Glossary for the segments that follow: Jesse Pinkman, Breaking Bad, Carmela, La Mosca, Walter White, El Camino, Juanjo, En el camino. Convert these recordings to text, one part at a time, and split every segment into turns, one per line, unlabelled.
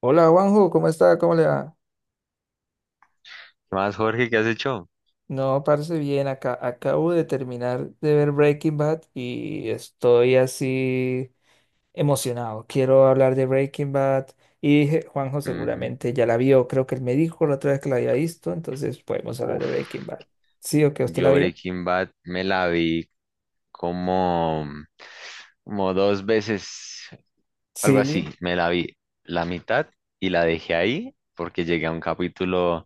Hola Juanjo, ¿cómo está? ¿Cómo le va?
¿Qué más, Jorge? ¿Qué has hecho?
No, parece bien. Acá acabo de terminar de ver Breaking Bad y estoy así emocionado. Quiero hablar de Breaking Bad y dije, Juanjo
Ujú.
seguramente ya la vio. Creo que él me dijo la otra vez que la había visto, entonces podemos hablar de
Uf,
Breaking Bad. ¿Sí o qué? ¿Usted la
yo
vio?
Breaking Bad me la vi como, como dos veces, algo así.
Sí,
Me la vi la mitad y la dejé ahí porque llegué a un capítulo.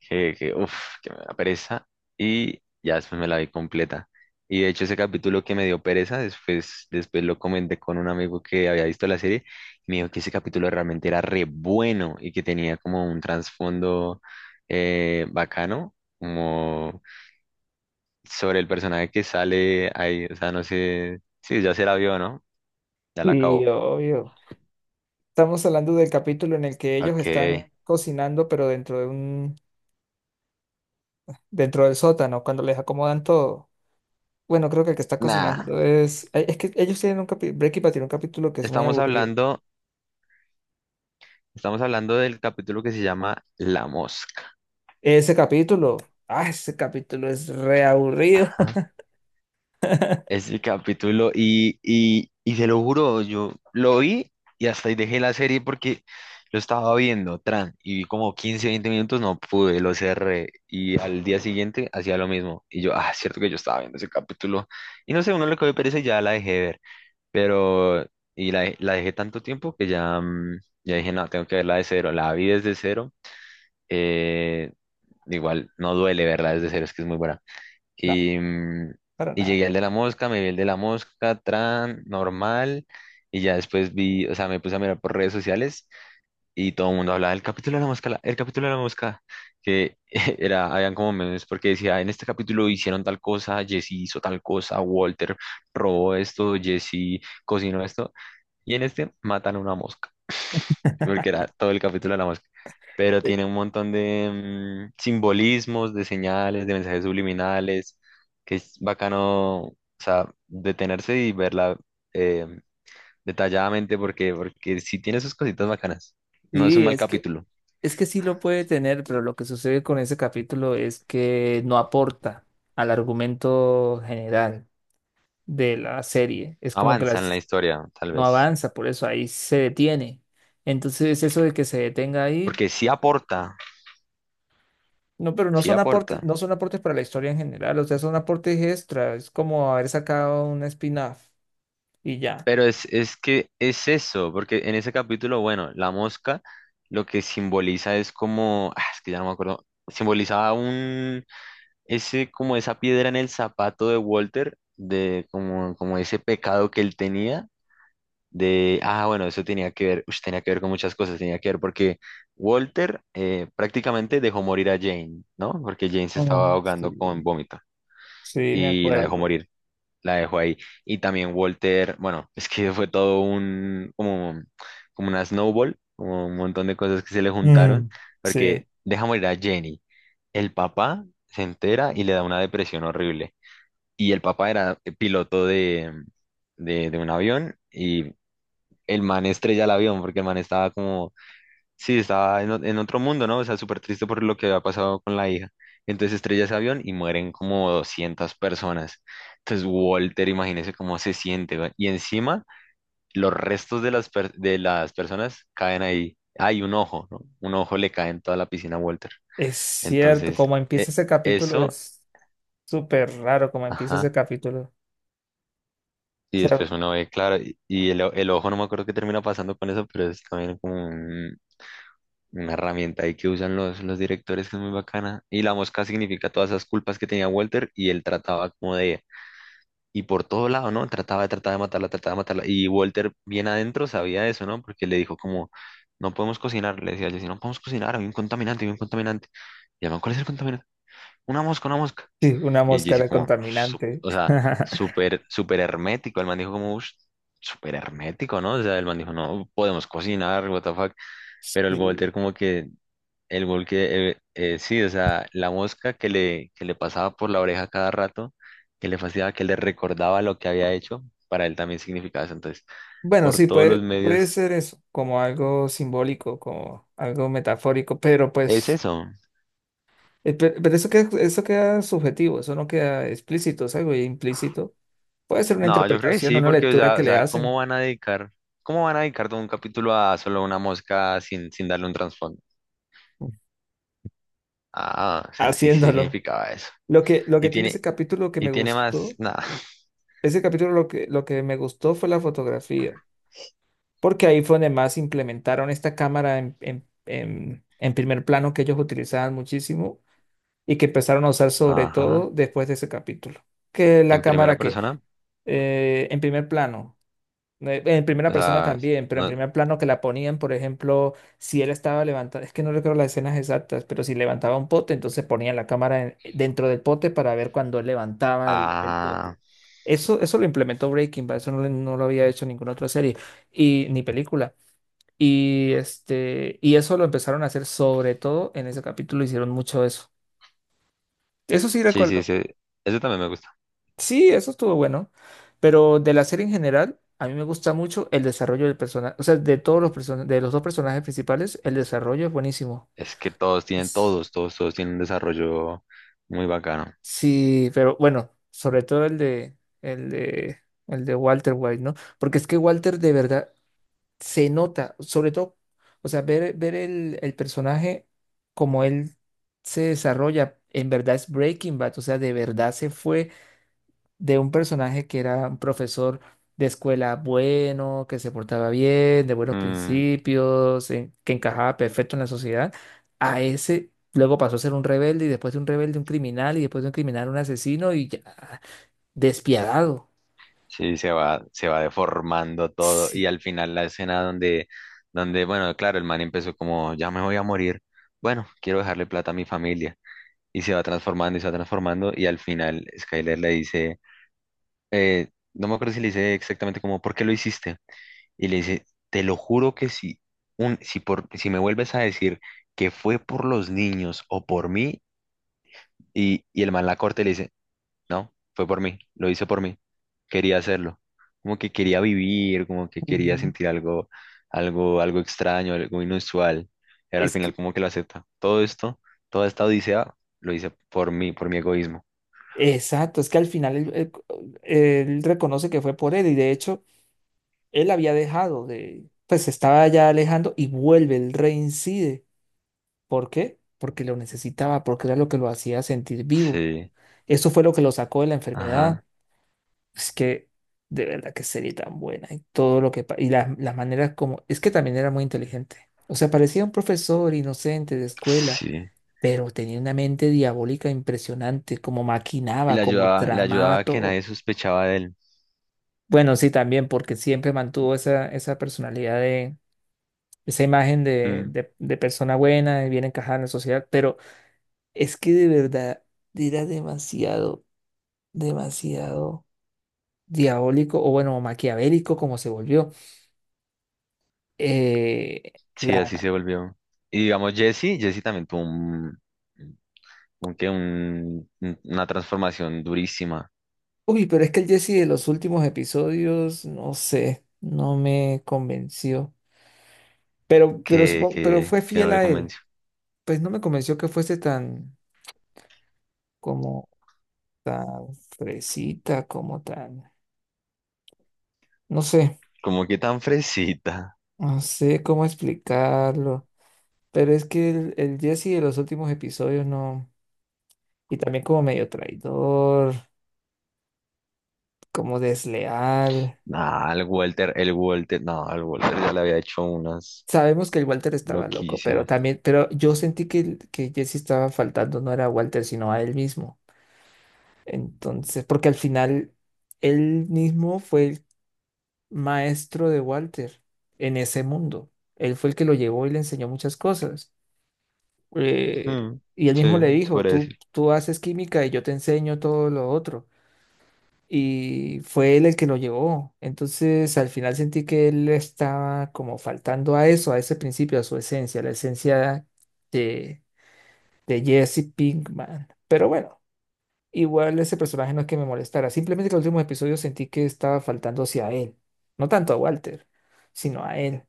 Que, uf, que me da pereza y ya después me la vi completa. Y de hecho ese capítulo que me dio pereza, después lo comenté con un amigo que había visto la serie y me dijo que ese capítulo realmente era re bueno y que tenía como un trasfondo bacano, como sobre el personaje que sale ahí, o sea, no sé, sí, ya se la vio, ¿no? Ya la
sí,
acabó.
obvio. Estamos hablando del capítulo en el que ellos
Ok,
están cocinando, pero dentro del sótano, cuando les acomodan todo. Bueno, creo que el que está
nada,
cocinando es, ay, es que ellos tienen un capítulo. Breaking Bad tiene un capítulo que es muy
estamos
aburrido.
hablando, estamos hablando del capítulo que se llama La Mosca.
Ese capítulo. Ah, ese capítulo es re aburrido.
Ajá. Ese capítulo y se lo juro, yo lo vi y hasta ahí dejé la serie porque lo estaba viendo, tran, y vi como 15 20 minutos, no pude, lo cerré y al día siguiente hacía lo mismo. Y yo, ah, es cierto que yo estaba viendo ese capítulo y no sé, uno le cogió pereza y ya la dejé de ver, pero y la dejé tanto tiempo que ya, ya dije, no, tengo que verla de cero, la vi desde cero, eh, igual no duele verla desde cero, es que es muy buena.
No,
Y, mm,
para
y
nada.
llegué al de la mosca, me vi el de la mosca, tran, normal. Y ya después vi, o sea, me puse a mirar por redes sociales y todo el mundo hablaba del capítulo de la mosca, el capítulo de la mosca, que era, habían como memes porque decía, en este capítulo hicieron tal cosa, Jesse hizo tal cosa, Walter robó esto, Jesse cocinó esto, y en este matan a una mosca porque era todo el capítulo de la mosca. Pero
Eh,
tiene un montón de simbolismos, de señales, de mensajes subliminales, que es bacano, o sea, detenerse y verla eh, detalladamente porque, porque sí tiene sus cositas bacanas. No es un
Sí,
mal capítulo.
es que sí lo puede tener, pero lo que sucede con ese capítulo es que no aporta al argumento general de la serie. Es como que
Avanza en la
las,
historia, tal
no
vez.
avanza, por eso ahí se detiene. Entonces, eso de que se detenga ahí,
Porque sí aporta,
no, pero no
sí
son aportes,
aporta.
no son aportes para la historia en general, o sea, son aportes extra, es como haber sacado un spin-off y ya.
Pero es que es eso, porque en ese capítulo, bueno, la mosca lo que simboliza es como, ah, es que ya no me acuerdo, simbolizaba ese, como esa piedra en el zapato de Walter, de como ese pecado que él tenía, de, ah, bueno, eso tenía que ver, ush, tenía que ver con muchas cosas, tenía que ver porque Walter prácticamente dejó morir a Jane, ¿no? Porque Jane se
Oh,
estaba
sí,
ahogando con vómito
sí, me
y la dejó
acuerdo.
morir la dejo ahí. Y también Walter, bueno, es que fue todo un, como, como una snowball, como un montón de cosas que se le juntaron,
Mm, sí,
porque deja morir a Jenny. El papá se entera y le da una depresión horrible. Y el papá era piloto de un avión y el man estrella el avión porque el man estaba como sí, estaba en, en otro mundo, ¿no? O sea, súper triste por lo que había pasado con la hija. Entonces estrella ese avión y mueren como 200 personas. Entonces Walter, imagínese cómo se siente, ¿va? Y encima los restos de las personas caen ahí. Hay un ojo, ¿no? Un ojo le cae en toda la piscina a Walter.
es cierto,
Entonces,
como empieza
e-
ese capítulo
eso,
es súper raro, como empieza ese
ajá.
capítulo. O
Y
sea,
después uno ve, claro, y el ojo, no me acuerdo qué termina pasando con eso, pero es también como un, una herramienta ahí que usan los directores que es muy bacana. Y la mosca significa todas esas culpas que tenía Walter y él trataba como de. Y por todo lado, ¿no? Trataba de matarla, trataba de matarla. Y Walter bien adentro sabía eso, ¿no? Porque le dijo como, no podemos cocinar. Le decía, Jesse, no podemos cocinar, hay un contaminante, hay un contaminante. Y además, ¿cuál es el contaminante? Una mosca, una mosca.
sí, una
Y el
mosca
Jesse
era
como,
contaminante.
o sea, súper, súper hermético. El man dijo como, "Ush, súper hermético, ¿no? O sea, el man dijo, no, podemos cocinar, what the fuck. Pero el
Sí.
Walter como que el gol que, sí, o sea, la mosca que le pasaba por la oreja cada rato, que le fascinaba, que le recordaba lo que había hecho, para él también significaba eso. Entonces,
Bueno,
por
sí,
todos los
puede, puede
medios,
ser eso, como algo simbólico, como algo metafórico, pero
¿es
pues...
eso?
Pero eso queda subjetivo, eso no queda explícito, es algo implícito. Puede ser una
No, yo creo que
interpretación,
sí,
una
porque, o
lectura
sea,
que
o
le
sea, ¿cómo
hacen
van a dedicar, cómo van a dedicar todo un capítulo a solo una mosca sin darle un trasfondo?
mm,
Ah, o sea, sí, sí
haciéndolo.
significaba eso.
Lo
Y
que tiene ese
tiene,
capítulo que
y
me
tiene más,
gustó,
nada.
ese capítulo lo que me gustó fue la fotografía, porque ahí fue donde más implementaron esta cámara en primer plano que ellos utilizaban muchísimo y que empezaron a usar sobre todo
Ajá,
después de ese capítulo. Que la
en primera
cámara que
persona,
en primer plano. En primera
o
persona
sea,
también, pero en
no,
primer plano que la ponían, por ejemplo, si él estaba levantando, es que no recuerdo las escenas exactas, pero si levantaba un pote, entonces ponían la cámara en- dentro del pote para ver cuando él levantaba el pote.
ah,
Eso lo implementó Breaking Bad, eso no, lo no lo había hecho ninguna otra serie y, ni película. Y, y eso lo empezaron a hacer sobre todo en ese capítulo, hicieron mucho eso. Eso sí
sí, sí,
recuerdo.
sí, eso también me gusta.
Sí, eso estuvo bueno, pero de la serie en general, a mí me gusta mucho el desarrollo del personaje, o sea, de todos los personajes, de los dos personajes principales, el desarrollo es buenísimo.
Es que todos tienen,
Es-
todos, todos, todos tienen un desarrollo muy bacano.
Sí, pero bueno, sobre todo el de Walter White, ¿no? Porque es que Walter de verdad se nota, sobre todo, o sea, ver el personaje como él se desarrolla, en verdad es Breaking Bad, o sea, de verdad se fue de un personaje que era un profesor de escuela bueno, que se portaba bien, de buenos
Mm,
principios, que encajaba perfecto en la sociedad, a ese luego pasó a ser un rebelde y después de un rebelde un criminal y después de un criminal un asesino y ya despiadado.
sí, se va deformando todo. Y
Sí.
al final la escena donde, bueno, claro, el man empezó como, ya me voy a morir. Bueno, quiero dejarle plata a mi familia. Y se va transformando y se va transformando. Y al final Skyler le dice, eh, no me acuerdo si le dice exactamente como, ¿por qué lo hiciste? Y le dice, te lo juro que si, un, si, por, si me vuelves a decir que fue por los niños o por mí, y el man la corta y le dice, no, fue por mí, lo hice por mí. Quería hacerlo. Como que quería vivir, como que quería
Ujú.
sentir algo, algo extraño, algo inusual. Era al
Es
final
que,
como que lo acepta. Todo esto, toda esta odisea, lo hice por mí, por mi egoísmo.
exacto, es que al final él reconoce que fue por él, y de hecho él había dejado de, pues se estaba ya alejando y vuelve, él reincide. ¿Por qué? Porque lo necesitaba, porque era lo que lo hacía sentir vivo.
Sí,
Eso fue lo que lo sacó de la enfermedad.
ajá,
Es que de verdad que sería tan buena y todo lo que pa- y las maneras como, es que también era muy inteligente. O sea, parecía un profesor inocente de escuela,
sí.
pero tenía una mente diabólica impresionante, como
Y
maquinaba,
le
como
ayudaba, le ayudaba
tramaba
a que nadie
todo.
sospechaba de él.
Bueno, sí, también porque siempre mantuvo esa personalidad de esa imagen
Mm,
de persona buena, de bien encajada en la sociedad, pero es que de verdad era demasiado, demasiado diabólico o bueno, maquiavélico como se volvió. Eh,
sí, así
la...
se volvió. Y digamos, Jesse también tuvo un, una transformación durísima
Uy, pero es que el Jesse de los últimos episodios, no sé, no me convenció. Pero
que,
supongo, pero
que,
fue
que
fiel
no le
a él.
convenció.
Pues no me convenció que fuese tan, como tan, fresita, como tan, no sé,
Como que tan fresita.
no sé cómo explicarlo. Pero es que el Jesse de los últimos episodios no, y también como medio traidor, como desleal.
Nah, el Walter, no, el Walter ya le había hecho unas
Sabemos que el Walter estaba loco, pero
loquísimas.
también, pero yo sentí que, que Jesse estaba faltando, no era a Walter, sino a él mismo. Entonces, porque al final él mismo fue el maestro de Walter en ese mundo. Él fue el que lo llevó y le enseñó muchas cosas.
Hmm,
Y él
sí,
mismo le
se
dijo,
puede decir.
tú haces química y yo te enseño todo lo otro, y fue él el que lo llevó. Entonces, al final sentí que él estaba como faltando a eso, a ese principio, a su esencia, la esencia de, de Jesse Pinkman. Pero bueno, igual ese personaje no es que me molestara, simplemente que el último episodio sentí que estaba faltando hacia él, no tanto a Walter, sino a él.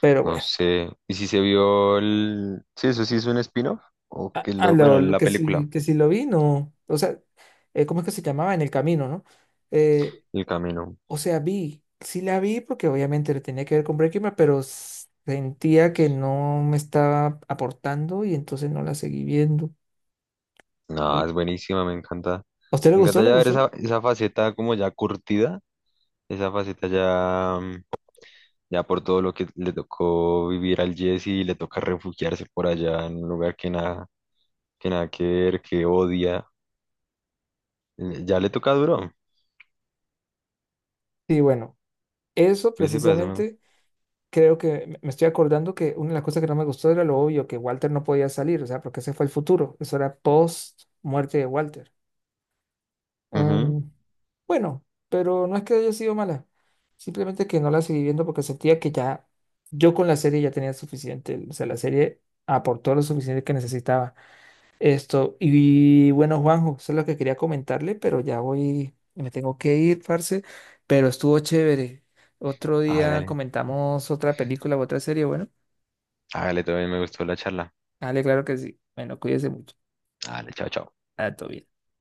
Pero
No
bueno,
sé. ¿Y si se vio el? Sí, eso sí es un spin-off. O que lo. Bueno,
lo
la película,
que sí lo vi, no. O sea, ¿cómo es que se llamaba? En el camino, ¿no? Eh,
El Camino.
O sea, vi, sí la vi porque obviamente le tenía que ver con Breaking Bad, pero s- sentía que no me estaba aportando y entonces no la seguí viendo.
No,
¿No?
es buenísima, me encanta.
¿A usted le
Me
gustó?
encanta
¿Le
ya ver
gustó?
esa, esa faceta como ya curtida, esa faceta ya por todo lo que le tocó vivir al Jesse y le toca refugiarse por allá en un lugar que nada que ver, que odia. Ya le toca duro.
Sí, bueno, eso
Le sirve eso.
precisamente creo que me estoy acordando que una de las cosas que no me gustó era lo obvio, que Walter no podía salir, o sea, porque ese fue el futuro, eso era post muerte de Walter.
Ujú.
Mm, Bueno, pero no es que haya sido mala, simplemente que no la seguí viendo porque sentía que ya yo con la serie ya tenía suficiente, o sea, la serie aportó lo suficiente que necesitaba esto. Y bueno, Juanjo, eso es lo que quería comentarle, pero ya voy, me tengo que ir, parce, pero estuvo chévere. Otro día
Hágale,
comentamos otra película u otra serie, bueno,
hágale, todo bien. Me gustó la charla.
dale, claro que sí. Bueno, cuídese mucho.
Hágale, chao, chao.
Ah, todo bien.